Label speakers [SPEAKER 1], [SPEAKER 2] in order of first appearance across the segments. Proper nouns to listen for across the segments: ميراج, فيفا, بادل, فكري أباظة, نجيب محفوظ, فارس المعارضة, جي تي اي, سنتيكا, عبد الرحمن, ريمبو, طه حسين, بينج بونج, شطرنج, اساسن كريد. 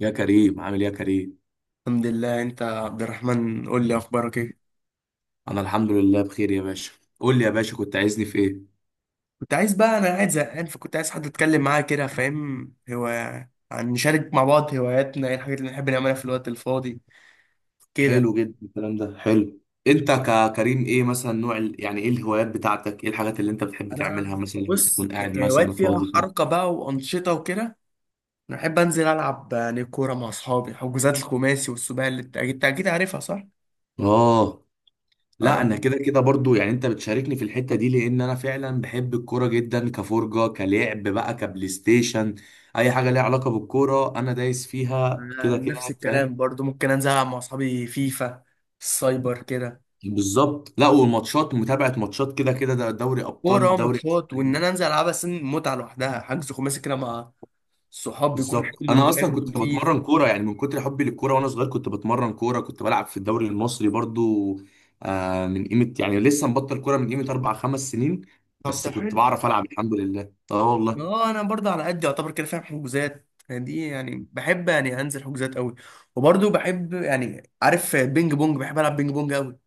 [SPEAKER 1] يا كريم، عامل ايه يا كريم؟
[SPEAKER 2] الحمد لله. انت يا عبد الرحمن، قول لي اخبارك ايه؟
[SPEAKER 1] انا الحمد لله بخير يا باشا. قول لي يا باشا، كنت عايزني في ايه؟
[SPEAKER 2] كنت عايز بقى، انا قاعد زهقان، فكنت عايز حد اتكلم معاه كده، فاهم؟ هو عن نشارك مع بعض هواياتنا، ايه الحاجات اللي بنحب نعملها في الوقت الفاضي كده.
[SPEAKER 1] حلو جدا، الكلام ده حلو. انت ككريم ايه مثلا نوع يعني ايه الهوايات بتاعتك، ايه الحاجات اللي انت بتحب تعملها
[SPEAKER 2] انا
[SPEAKER 1] مثلا لما
[SPEAKER 2] بص،
[SPEAKER 1] تكون قاعد
[SPEAKER 2] كهوايات
[SPEAKER 1] مثلا
[SPEAKER 2] فيها
[SPEAKER 1] فاضي كده؟
[SPEAKER 2] حركه بقى وانشطه وكده. انا احب انزل العب يعني كوره مع اصحابي، حجوزات الخماسي والسباعي اللي انت اكيد أكيد عارفها، صح؟
[SPEAKER 1] اه،
[SPEAKER 2] انا
[SPEAKER 1] لا انا
[SPEAKER 2] بقول-
[SPEAKER 1] كده كده برضو، يعني انت بتشاركني في الحتة دي لان انا فعلا بحب الكورة جدا، كفرجة كلعب بقى كبلاي ستيشن. اي حاجة ليها علاقة بالكورة انا دايس فيها
[SPEAKER 2] أنا
[SPEAKER 1] كده كده
[SPEAKER 2] نفس الكلام
[SPEAKER 1] فاهم.
[SPEAKER 2] برضو، ممكن انزل العب مع اصحابي فيفا السايبر كده.
[SPEAKER 1] بالظبط، لا والماتشات، متابعة ماتشات كده كده، ده دوري
[SPEAKER 2] كورة
[SPEAKER 1] أبطال، دوري.
[SPEAKER 2] وماتشات، وإن أنا أنزل ألعبها سن متعة لوحدها. حجز خماسي كده مع الصحاب بيكون
[SPEAKER 1] بالظبط،
[SPEAKER 2] حلو
[SPEAKER 1] أنا أصلا
[SPEAKER 2] وفاهم
[SPEAKER 1] كنت
[SPEAKER 2] وخفيف.
[SPEAKER 1] بتمرن كورة، يعني من كتر حبي للكورة وأنا صغير كنت بتمرن كورة، كنت بلعب في الدوري المصري برضو. آه، من قيمة يعني لسه مبطل كورة من قيمة أربع خمس سنين.
[SPEAKER 2] طب
[SPEAKER 1] بس
[SPEAKER 2] ده
[SPEAKER 1] كنت
[SPEAKER 2] حلو.
[SPEAKER 1] بعرف ألعب الحمد لله، أه
[SPEAKER 2] ما
[SPEAKER 1] والله.
[SPEAKER 2] هو أنا برضه على قد يعتبر كده، فاهم؟ حجوزات يعني دي، يعني بحب يعني أنزل حجوزات قوي. وبرضه بحب، يعني عارف، بينج بونج، بحب ألعب بينج بونج قوي.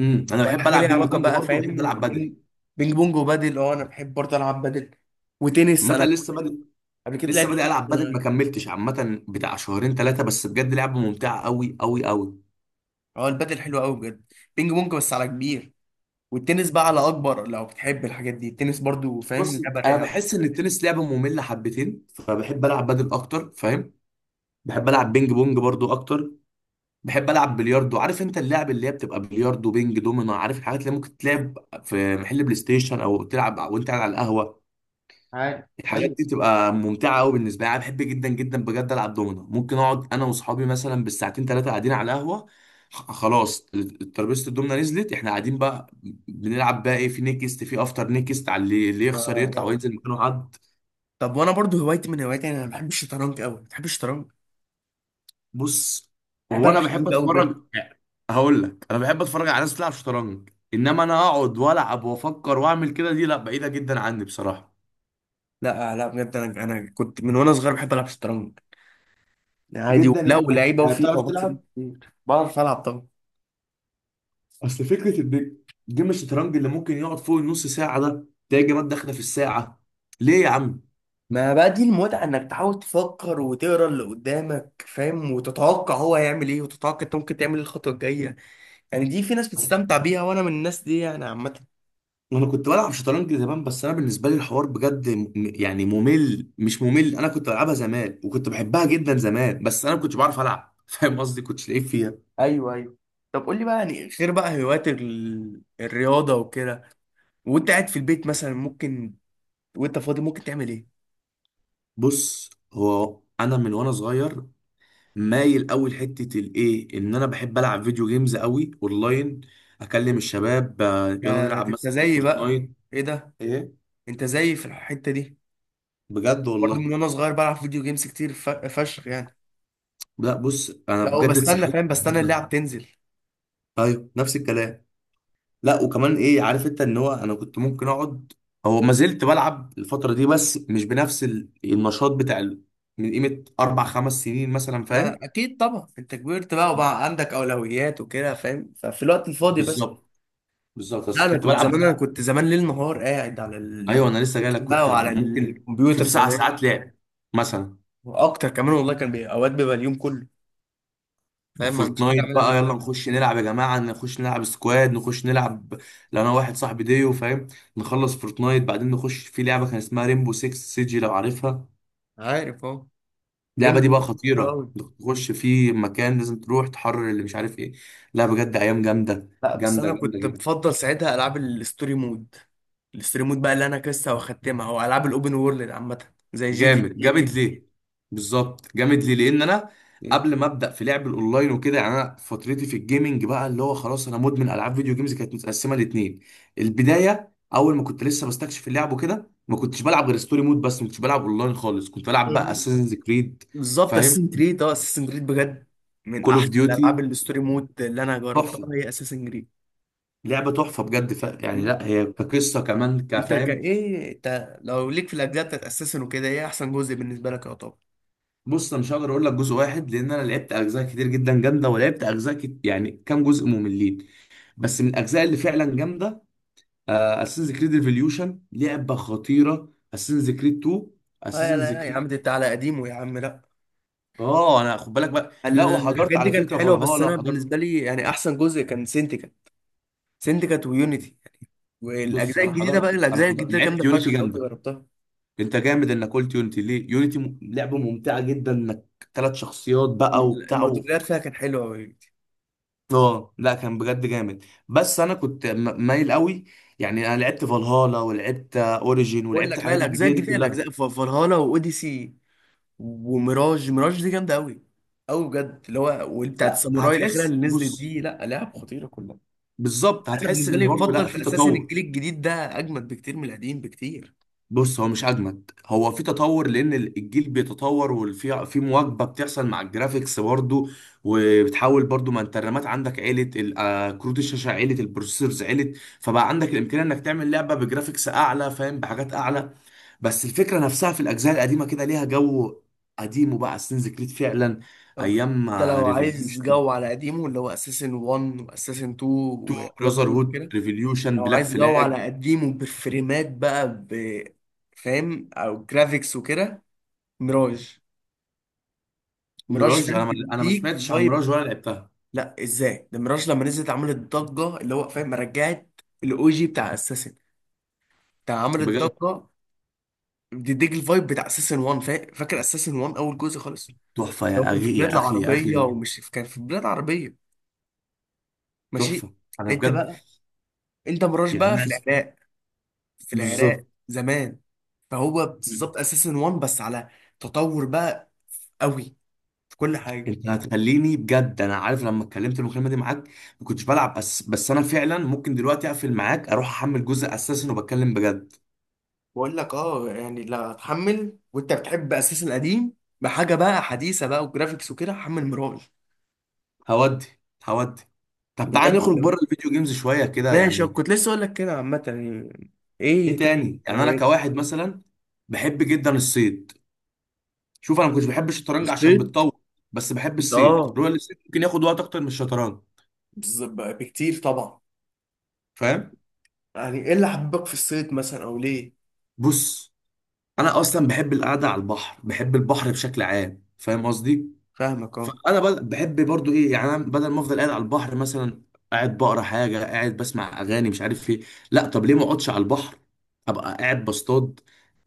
[SPEAKER 1] أنا
[SPEAKER 2] واي
[SPEAKER 1] بحب
[SPEAKER 2] حاجة
[SPEAKER 1] ألعب
[SPEAKER 2] ليها
[SPEAKER 1] بينج
[SPEAKER 2] علاقة
[SPEAKER 1] بونج
[SPEAKER 2] بقى،
[SPEAKER 1] برضو وبحب
[SPEAKER 2] فاهم؟
[SPEAKER 1] ألعب بدل.
[SPEAKER 2] بينج بينج بونج وبادل. أنا بحب برضه ألعب بادل. وتنس،
[SPEAKER 1] عامة
[SPEAKER 2] أنا
[SPEAKER 1] لسه بادئ.
[SPEAKER 2] قبل كده
[SPEAKER 1] لسه
[SPEAKER 2] لعبت
[SPEAKER 1] بادئ
[SPEAKER 2] تنس
[SPEAKER 1] ألعب بدل،
[SPEAKER 2] أنا.
[SPEAKER 1] ما كملتش، عامة بتاع شهرين ثلاثة، بس بجد لعبة ممتعة أوي أوي أوي.
[SPEAKER 2] أه، البادل حلو قوي بجد. بينج بونج بس على كبير، والتنس بقى على اكبر. لو بتحب الحاجات دي، التنس برضو فاهم،
[SPEAKER 1] بص،
[SPEAKER 2] لعبه
[SPEAKER 1] انا
[SPEAKER 2] رايقه أوي.
[SPEAKER 1] بحس ان التنس لعبه ممله حبتين، فبحب العب بدل اكتر فاهم. بحب العب بينج بونج برضو اكتر. بحب العب بلياردو، عارف انت اللعب اللي هي بتبقى بلياردو، بينج، دومينو، عارف الحاجات اللي ممكن تلعب في محل بلاي ستيشن او تلعب وانت قاعد على القهوه.
[SPEAKER 2] عارف،
[SPEAKER 1] الحاجات
[SPEAKER 2] ايوه.
[SPEAKER 1] دي تبقى ممتعه قوي بالنسبه لي، انا بحب جدا جدا بجد العب دومينو، ممكن اقعد انا واصحابي مثلا بالساعتين ثلاثه قاعدين على القهوه. خلاص، ترابيزه الدومنه نزلت، احنا قاعدين بقى، بنلعب بقى ايه، في نيكست، في افتر نيكست، على اللي يخسر يطلع
[SPEAKER 2] آه.
[SPEAKER 1] وينزل مكانه حد.
[SPEAKER 2] طب وانا برضو، هوايتي من هواياتي يعني، انا بحب الشطرنج قوي. بتحب الشطرنج؟
[SPEAKER 1] بص،
[SPEAKER 2] بحب
[SPEAKER 1] هو
[SPEAKER 2] العب
[SPEAKER 1] انا بحب
[SPEAKER 2] شطرنج قوي بجد.
[SPEAKER 1] اتفرج. هقول لك، انا بحب اتفرج على ناس بتلعب شطرنج، انما انا اقعد والعب وافكر واعمل كده دي لا، بعيده جدا عني بصراحه.
[SPEAKER 2] لا، لا، بجد، انا كنت من وانا صغير بحب العب شطرنج. عادي،
[SPEAKER 1] جدا
[SPEAKER 2] لا
[SPEAKER 1] يعني؟
[SPEAKER 2] ولعيبه
[SPEAKER 1] يعني
[SPEAKER 2] وفيها،
[SPEAKER 1] بتعرف
[SPEAKER 2] وبكسب
[SPEAKER 1] تلعب؟
[SPEAKER 2] كتير، بعرف العب طبعا.
[SPEAKER 1] اصل فكره ان جيم الشطرنج اللي ممكن يقعد فوق النص ساعه، ده تلاقي جيمات داخله في الساعه. ليه يا عم؟
[SPEAKER 2] ما بقى دي المتعه، انك تحاول تفكر وتقرا اللي قدامك، فاهم؟ وتتوقع هو هيعمل ايه، وتتوقع انت ممكن تعمل ايه الخطوه الجايه. يعني دي، في ناس بتستمتع بيها، وانا من الناس دي يعني، عامه.
[SPEAKER 1] انا كنت بلعب شطرنج زمان، بس انا بالنسبه لي الحوار بجد يعني ممل، مش ممل، انا كنت بلعبها زمان وكنت بحبها جدا زمان، بس انا ما كنتش بعرف العب فاهم قصدي، كنتش لعيب فيها.
[SPEAKER 2] ايوه، ايوه. طب قول لي بقى، يعني غير بقى هوايات الرياضه وكده، وانت قاعد في البيت مثلا ممكن، وانت فاضي ممكن تعمل ايه؟
[SPEAKER 1] بص، هو انا من وانا صغير مايل قوي لحته الايه، ان انا بحب العب فيديو جيمز قوي اونلاين، اكلم
[SPEAKER 2] بص.
[SPEAKER 1] الشباب يلا
[SPEAKER 2] آه،
[SPEAKER 1] نلعب
[SPEAKER 2] انت
[SPEAKER 1] مثلا
[SPEAKER 2] زيي بقى.
[SPEAKER 1] فورتنايت.
[SPEAKER 2] ايه ده؟
[SPEAKER 1] ايه؟
[SPEAKER 2] انت زيي في الحته دي.
[SPEAKER 1] بجد
[SPEAKER 2] برضه
[SPEAKER 1] والله.
[SPEAKER 2] من وانا صغير بلعب فيديو جيمز كتير فشخ يعني.
[SPEAKER 1] لا بص، انا
[SPEAKER 2] لا،
[SPEAKER 1] بجد
[SPEAKER 2] وبستنى
[SPEAKER 1] اتسحلت
[SPEAKER 2] فاهم،
[SPEAKER 1] في
[SPEAKER 2] بستنى
[SPEAKER 1] الحوار
[SPEAKER 2] اللعب
[SPEAKER 1] ده.
[SPEAKER 2] تنزل.
[SPEAKER 1] ايوه نفس الكلام. لا وكمان ايه، عارف انت ان هو انا كنت ممكن اقعد. هو ما زلت بلعب الفتره دي بس مش بنفس النشاط بتاع من قيمه اربع خمس سنين مثلا
[SPEAKER 2] آه،
[SPEAKER 1] فاهم.
[SPEAKER 2] اكيد طبعا، انت كبرت بقى وبقى عندك اولويات وكده فاهم، ففي الوقت الفاضي بس.
[SPEAKER 1] بالظبط، بالظبط
[SPEAKER 2] لا،
[SPEAKER 1] بس
[SPEAKER 2] انا
[SPEAKER 1] كنت
[SPEAKER 2] كنت
[SPEAKER 1] بلعب.
[SPEAKER 2] زمان انا كنت زمان ليل نهار قاعد على
[SPEAKER 1] ايوه
[SPEAKER 2] ال-
[SPEAKER 1] انا لسه جاي لك،
[SPEAKER 2] بقى،
[SPEAKER 1] كنت
[SPEAKER 2] وعلى
[SPEAKER 1] ممكن في
[SPEAKER 2] الكمبيوتر
[SPEAKER 1] تسع
[SPEAKER 2] زمان،
[SPEAKER 1] ساعات لعب مثلا.
[SPEAKER 2] واكتر كمان والله. كان بي... اوقات بيبقى اليوم كله، فاهم، ما عنديش حاجه
[SPEAKER 1] وفورتنايت
[SPEAKER 2] اعملها
[SPEAKER 1] بقى،
[SPEAKER 2] غير.
[SPEAKER 1] يلا نخش نلعب يا جماعه، نخش نلعب سكواد، نخش نلعب لو انا واحد صاحبي ديو فاهم، نخلص فورتنايت بعدين نخش في لعبه كان اسمها ريمبو 6 سيجي لو عارفها.
[SPEAKER 2] عارف اهو.
[SPEAKER 1] اللعبه دي
[SPEAKER 2] ريمبو،
[SPEAKER 1] بقى
[SPEAKER 2] حلو
[SPEAKER 1] خطيره.
[SPEAKER 2] قوي.
[SPEAKER 1] تخش في مكان لازم تروح تحرر اللي مش عارف ايه. لا بجد ايام جامده،
[SPEAKER 2] لا بس
[SPEAKER 1] جامده
[SPEAKER 2] انا
[SPEAKER 1] جامده
[SPEAKER 2] كنت
[SPEAKER 1] جدا.
[SPEAKER 2] بفضل ساعتها العاب الستوري مود، الستوري مود بقى اللي انا لسه واختمها، او العاب الاوبن وورلد عامه زي جي تي
[SPEAKER 1] جامد
[SPEAKER 2] اي
[SPEAKER 1] جامد
[SPEAKER 2] كده.
[SPEAKER 1] ليه؟ بالظبط جامد ليه، لان انا
[SPEAKER 2] إيه.
[SPEAKER 1] قبل ما ابدا في لعب الاونلاين وكده، يعني انا فترتي في الجيمنج بقى اللي هو خلاص انا مدمن العاب فيديو جيمز كانت متقسمه لاتنين. البدايه، اول ما كنت لسه بستكشف اللعب وكده ما كنتش بلعب غير ستوري مود بس، ما كنتش بلعب اونلاين خالص، كنت بلعب بقى اساسنز كريد
[SPEAKER 2] بالظبط،
[SPEAKER 1] فاهم،
[SPEAKER 2] اساسن كريد، اساسن كريد بجد، من
[SPEAKER 1] كول اوف
[SPEAKER 2] احسن
[SPEAKER 1] ديوتي.
[SPEAKER 2] الالعاب الستوري مود اللي انا جربتها
[SPEAKER 1] تحفه،
[SPEAKER 2] هي اساسن كريد.
[SPEAKER 1] لعبه تحفه بجد يعني
[SPEAKER 2] مم.
[SPEAKER 1] لا هي كقصه كمان
[SPEAKER 2] انت كان
[SPEAKER 1] كفاهم.
[SPEAKER 2] ايه، انت لو ليك في الاجزاء بتاعت اساسن وكده، ايه احسن جزء بالنسبه لك يا طب؟
[SPEAKER 1] بص، انا مش هقدر اقول لك جزء واحد لان انا لعبت اجزاء كتير جدا جامده ولعبت اجزاء يعني كام جزء مملين. بس من الاجزاء اللي فعلا جامده، اساسنز كريد ريفوليوشن لعبه خطيره، اساسنز كريد 2،
[SPEAKER 2] لا، لا،
[SPEAKER 1] اساسنز
[SPEAKER 2] لا يا عم،
[SPEAKER 1] كريد.
[SPEAKER 2] دي انت على قديمه يا عم، لا.
[SPEAKER 1] اه انا خد بالك بقى، لا وحضرت
[SPEAKER 2] الحاجات دي
[SPEAKER 1] على
[SPEAKER 2] كانت
[SPEAKER 1] فكره
[SPEAKER 2] حلوه، بس
[SPEAKER 1] فالهالا
[SPEAKER 2] انا
[SPEAKER 1] حضرت.
[SPEAKER 2] بالنسبه لي يعني، احسن جزء كان سنتيكا، سنتيكا ويونيتي.
[SPEAKER 1] بص
[SPEAKER 2] والاجزاء
[SPEAKER 1] انا
[SPEAKER 2] الجديده بقى،
[SPEAKER 1] حضرت انا
[SPEAKER 2] الاجزاء
[SPEAKER 1] حضرت
[SPEAKER 2] الجديده جامده
[SPEAKER 1] لعبت يونيتي
[SPEAKER 2] فشخ لو انت
[SPEAKER 1] جامده.
[SPEAKER 2] جربتها.
[SPEAKER 1] انت جامد انك قلت يونيتي. ليه يونيتي لعبه ممتعه جدا، انك ثلاث شخصيات بقى وبتاع
[SPEAKER 2] المالتي بلاير فيها كان حلو قوي.
[SPEAKER 1] اه لا كان بجد جامد. بس انا كنت مايل قوي، يعني انا لعبت فالهالا ولعبت اوريجين
[SPEAKER 2] بقول
[SPEAKER 1] ولعبت
[SPEAKER 2] لك، لا
[SPEAKER 1] الحاجات
[SPEAKER 2] الاجزاء
[SPEAKER 1] الجديده دي
[SPEAKER 2] الجديده،
[SPEAKER 1] كلها.
[SPEAKER 2] الاجزاء فالهالا واوديسي وميراج، ميراج دي جامده قوي، قوي بجد، اللي هو وبتاعت
[SPEAKER 1] لا
[SPEAKER 2] الساموراي الاخيره
[SPEAKER 1] هتحس
[SPEAKER 2] اللي نزلت
[SPEAKER 1] بص،
[SPEAKER 2] دي، لا لعب خطيره كلها.
[SPEAKER 1] بالظبط
[SPEAKER 2] انا
[SPEAKER 1] هتحس
[SPEAKER 2] بالنسبه
[SPEAKER 1] ان
[SPEAKER 2] لي
[SPEAKER 1] برضه
[SPEAKER 2] بفضل
[SPEAKER 1] لا في
[SPEAKER 2] في اساس ان
[SPEAKER 1] تطور.
[SPEAKER 2] الجيل الجديد ده اجمد بكتير من القديم، بكتير.
[SPEAKER 1] بص هو مش اجمد، هو في تطور لان الجيل بيتطور وفي مواكبه بتحصل مع الجرافيكس برضه، وبتحاول برضه، ما انت الرامات عندك عالت كروت الشاشه عالت، البروسيسورز عالت، فبقى عندك الامكانيه انك تعمل لعبه بجرافيكس اعلى فاهم، بحاجات اعلى. بس الفكره نفسها في الاجزاء القديمه كده ليها جو قديم، وبقى اساسنز كريد فعلا.
[SPEAKER 2] طب
[SPEAKER 1] ايام
[SPEAKER 2] انت لو عايز
[SPEAKER 1] ريفوليوشن،
[SPEAKER 2] جو على قديمه اللي هو اساسن 1 واساسن 2
[SPEAKER 1] 2،
[SPEAKER 2] وبراذر
[SPEAKER 1] براذر
[SPEAKER 2] هود
[SPEAKER 1] هود،
[SPEAKER 2] كده،
[SPEAKER 1] ريفوليوشن،
[SPEAKER 2] لو
[SPEAKER 1] بلاك
[SPEAKER 2] عايز جو
[SPEAKER 1] فلاج،
[SPEAKER 2] على قديمه بفريمات بقى ب، فاهم، او جرافيكس وكده. ميراج، ميراج
[SPEAKER 1] ميراج.
[SPEAKER 2] فاهم،
[SPEAKER 1] انا ما
[SPEAKER 2] بتديك
[SPEAKER 1] سمعتش عن
[SPEAKER 2] فايب.
[SPEAKER 1] ميراج ولا لعبتها.
[SPEAKER 2] لا ازاي ده، ميراج لما نزلت عملت ضجه، اللي هو فاهم، رجعت الاو جي بتاع اساسن، بتاع، عملت
[SPEAKER 1] بجد
[SPEAKER 2] ضجه، بتديك الفايب بتاع اساسن 1، فاكر اساسن 1 اول جزء خالص،
[SPEAKER 1] تحفة يا
[SPEAKER 2] لو كان في
[SPEAKER 1] أخي
[SPEAKER 2] بلاد
[SPEAKER 1] يا أخي يا
[SPEAKER 2] العربيه
[SPEAKER 1] أخي.
[SPEAKER 2] ومش كان في بلاد عربيه. ماشي.
[SPEAKER 1] تحفة، أنا
[SPEAKER 2] انت
[SPEAKER 1] بجد
[SPEAKER 2] بقى، انت مراش
[SPEAKER 1] يعني
[SPEAKER 2] بقى
[SPEAKER 1] أنا
[SPEAKER 2] في العراق، في العراق
[SPEAKER 1] بالظبط.
[SPEAKER 2] زمان. فهو بالظبط اساسن وان، بس على تطور بقى، قوي في كل حاجه.
[SPEAKER 1] أنت هتخليني بجد أنا عارف، لما اتكلمت المكالمة دي معاك ما كنتش بلعب، بس أنا فعلا ممكن دلوقتي أقفل معاك، أروح أحمل جزء أساسا وبتكلم بجد.
[SPEAKER 2] بقول لك، اه يعني، لا هتحمل، وانت بتحب اساسن القديم، بحاجه بقى حديثه بقى وجرافيكس وكده، حمل مراج.
[SPEAKER 1] هودي، هودي. طب تعالى نخرج
[SPEAKER 2] بجد.
[SPEAKER 1] بره الفيديو جيمز شوية كده
[SPEAKER 2] ماشي،
[SPEAKER 1] يعني.
[SPEAKER 2] كنت لسه اقول لك كده عامه يعني،
[SPEAKER 1] إيه
[SPEAKER 2] ايه تاني
[SPEAKER 1] تاني؟ يعني أنا
[SPEAKER 2] هوايات؟
[SPEAKER 1] كواحد مثلا بحب جدا الصيد. شوف أنا ما كنتش بحب الشطرنج عشان
[SPEAKER 2] الصيد،
[SPEAKER 1] بتطول، بس بحب
[SPEAKER 2] كنت
[SPEAKER 1] الصيد،
[SPEAKER 2] اه.
[SPEAKER 1] رؤيا الصيد ممكن ياخد وقت أكتر من الشطرنج
[SPEAKER 2] بالظبط بقى، بكتير طبعا.
[SPEAKER 1] فاهم.
[SPEAKER 2] يعني ايه اللي حببك في الصيد مثلا، او ليه؟
[SPEAKER 1] بص، انا اصلا بحب القعده على البحر، بحب البحر بشكل عام فاهم قصدي.
[SPEAKER 2] فاهمك، اه.
[SPEAKER 1] فانا بحب برضو ايه يعني، أنا بدل ما افضل قاعد على البحر مثلا، قاعد بقرا حاجه، قاعد بسمع اغاني، مش عارف ايه، لا طب ليه ما اقعدش على البحر ابقى قاعد بصطاد؟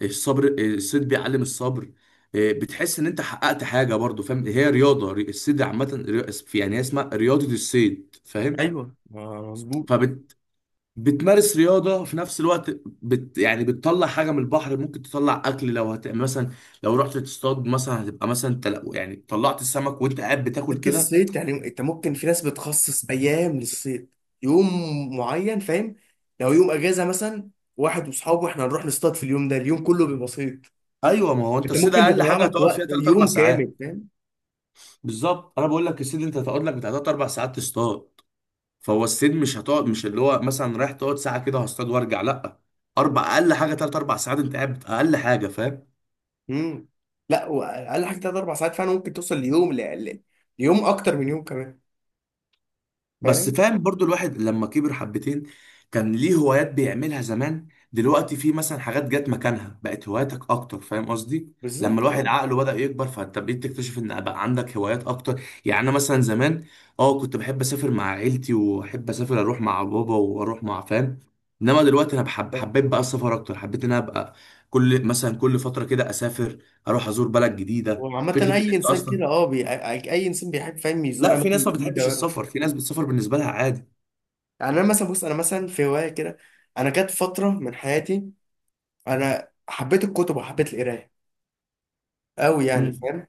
[SPEAKER 1] الصبر، الصيد بيعلم الصبر. إيه، بتحس ان انت حققت حاجه برضو فاهم، هي رياضه الصيد عامه، يعني هي اسمها رياضه الصيد فاهم.
[SPEAKER 2] ايوه، مظبوط.
[SPEAKER 1] بتمارس رياضة في نفس الوقت، بت يعني بتطلع حاجة من البحر، ممكن تطلع أكل لو هت يعني مثلا، لو رحت تصطاد مثلا، هتبقى مثلا يعني طلعت السمك وأنت قاعد بتاكل
[SPEAKER 2] انت
[SPEAKER 1] كده.
[SPEAKER 2] الصيد يعني، انت ممكن، في ناس بتخصص ايام للصيد، يوم معين فاهم. لو يوم اجازه مثلا، واحد واصحابه، احنا هنروح نصطاد في اليوم ده، اليوم كله بيبقى صيد.
[SPEAKER 1] أيوه، ما هو أنت
[SPEAKER 2] انت
[SPEAKER 1] الصيد
[SPEAKER 2] ممكن
[SPEAKER 1] أقل
[SPEAKER 2] تضيع
[SPEAKER 1] حاجة
[SPEAKER 2] لك
[SPEAKER 1] هتقعد
[SPEAKER 2] وقت
[SPEAKER 1] فيها تلات أربع
[SPEAKER 2] يوم
[SPEAKER 1] ساعات.
[SPEAKER 2] كامل فاهم.
[SPEAKER 1] بالظبط، أنا بقول لك الصيد أنت هتقعد لك بتاع تلات أربع ساعات تصطاد. فهو الصيد مش هتقعد، مش اللي هو مثلا رايح تقعد ساعة كده هصطاد وأرجع، لأ، أربع أقل حاجة تلات أربع ساعات أنت قاعد أقل حاجة فاهم.
[SPEAKER 2] امم. لا، واقل حاجه ثلاث اربع ساعات، فعلا ممكن توصل ليوم ل... ل... ليوم اكتر من يوم كمان.
[SPEAKER 1] بس
[SPEAKER 2] فاهم.
[SPEAKER 1] فاهم برضو، الواحد لما كبر حبتين كان ليه هوايات بيعملها زمان، دلوقتي في مثلا حاجات جت مكانها بقت هواياتك اكتر فاهم قصدي. لما
[SPEAKER 2] بالظبط،
[SPEAKER 1] الواحد
[SPEAKER 2] اه.
[SPEAKER 1] عقله بدأ يكبر، فانت بقيت تكتشف ان بقى عندك هوايات اكتر. يعني انا مثلا زمان اه كنت بحب اسافر مع عيلتي، واحب اسافر اروح مع بابا واروح مع فاهم. انما دلوقتي انا بحب، حبيت بقى السفر اكتر، حبيت ان انا ابقى كل مثلا كل فترة كده اسافر، اروح ازور بلد جديدة.
[SPEAKER 2] وعامة
[SPEAKER 1] فكرة ان
[SPEAKER 2] أي
[SPEAKER 1] انت
[SPEAKER 2] إنسان
[SPEAKER 1] اصلا،
[SPEAKER 2] كده، بي... أي إنسان بيحب فاهم، يزور
[SPEAKER 1] لا في
[SPEAKER 2] أماكن
[SPEAKER 1] ناس ما
[SPEAKER 2] جديدة
[SPEAKER 1] بتحبش
[SPEAKER 2] ويعرف.
[SPEAKER 1] السفر، في ناس بتسافر بالنسبة لها عادي.
[SPEAKER 2] يعني أنا مثلا، بص، أنا مثلا في هواية كده، أنا جت فترة من حياتي، انا حبيت الكتب وحبيت القرايه قوي يعني، فاهم؟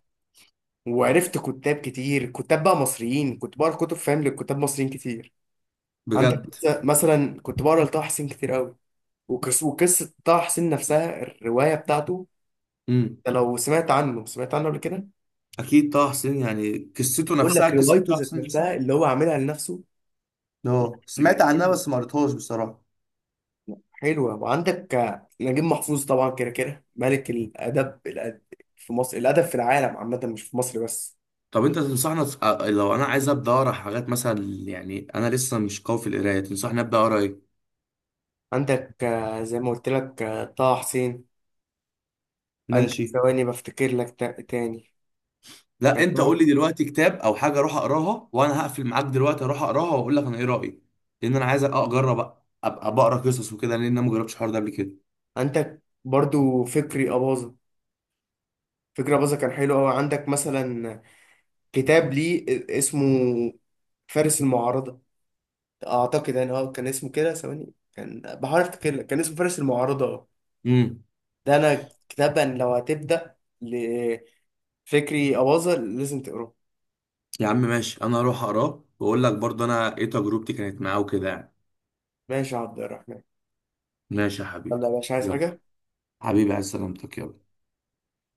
[SPEAKER 2] وعرفت كتاب كتير، كتاب بقى مصريين، كنت بقرا كتب فاهم لكتاب مصريين كتير. عندك
[SPEAKER 1] بجد.
[SPEAKER 2] مثلا كنت بقرا لطه حسين كتير قوي، وقصه طه حسين نفسها، الروايه بتاعته.
[SPEAKER 1] امم
[SPEAKER 2] أنت لو سمعت عنه قبل كده؟
[SPEAKER 1] اكيد طه حسين، يعني قصته
[SPEAKER 2] بقول
[SPEAKER 1] نفسها
[SPEAKER 2] لك،
[SPEAKER 1] قصه
[SPEAKER 2] روايته
[SPEAKER 1] طه
[SPEAKER 2] ذات
[SPEAKER 1] حسين نفسها.
[SPEAKER 2] نفسها اللي هو عاملها لنفسه. لا،
[SPEAKER 1] اه سمعت
[SPEAKER 2] يعني
[SPEAKER 1] عنها
[SPEAKER 2] حلوه،
[SPEAKER 1] بس ما قريتهاش بصراحة.
[SPEAKER 2] حلوه. وعندك نجيب محفوظ طبعا، كده كده ملك الادب، في مصر، الادب في العالم عامه، مش في مصر بس.
[SPEAKER 1] طب انت تنصحنا لو انا عايز ابدا اقرا حاجات مثلا، يعني انا لسه مش قوي في القرايه، تنصحني ابدا اقرا ايه؟
[SPEAKER 2] عندك، زي ما قلت لك، طه حسين. عندك،
[SPEAKER 1] ماشي.
[SPEAKER 2] ثواني بفتكر لك تاني.
[SPEAKER 1] لا
[SPEAKER 2] كان في
[SPEAKER 1] انت قول
[SPEAKER 2] واحد-
[SPEAKER 1] لي دلوقتي كتاب او حاجه اروح اقراها، وانا هقفل معاك دلوقتي اروح اقراها واقول لك انا ايه رايي، لان انا عايز اجرب ابقى بقرا قصص وكده لان انا ما جربتش الحوار ده قبل كده.
[SPEAKER 2] عندك برضو فكري أباظة. فكري أباظة كان حلو أوي. عندك مثلا كتاب ليه، اسمه فارس المعارضة أعتقد، يعني كان اسمه كده، ثواني كان بحاول أفتكر لك، كان اسمه فارس المعارضة أه.
[SPEAKER 1] امم
[SPEAKER 2] ده أنا كتاب أن لو هتبدأ لفكري أباظة، لازم تقراه.
[SPEAKER 1] يا عم ماشي انا هروح اقراه واقول لك برضه انا ايه تجربتي كانت معاه وكده يعني.
[SPEAKER 2] ماشي يا عبد الرحمن.
[SPEAKER 1] ماشي يا حبيبي.
[SPEAKER 2] يلا يا باشا، عايز
[SPEAKER 1] يلا،
[SPEAKER 2] حاجة؟
[SPEAKER 1] حبيبي عايز سلامتك، يلا.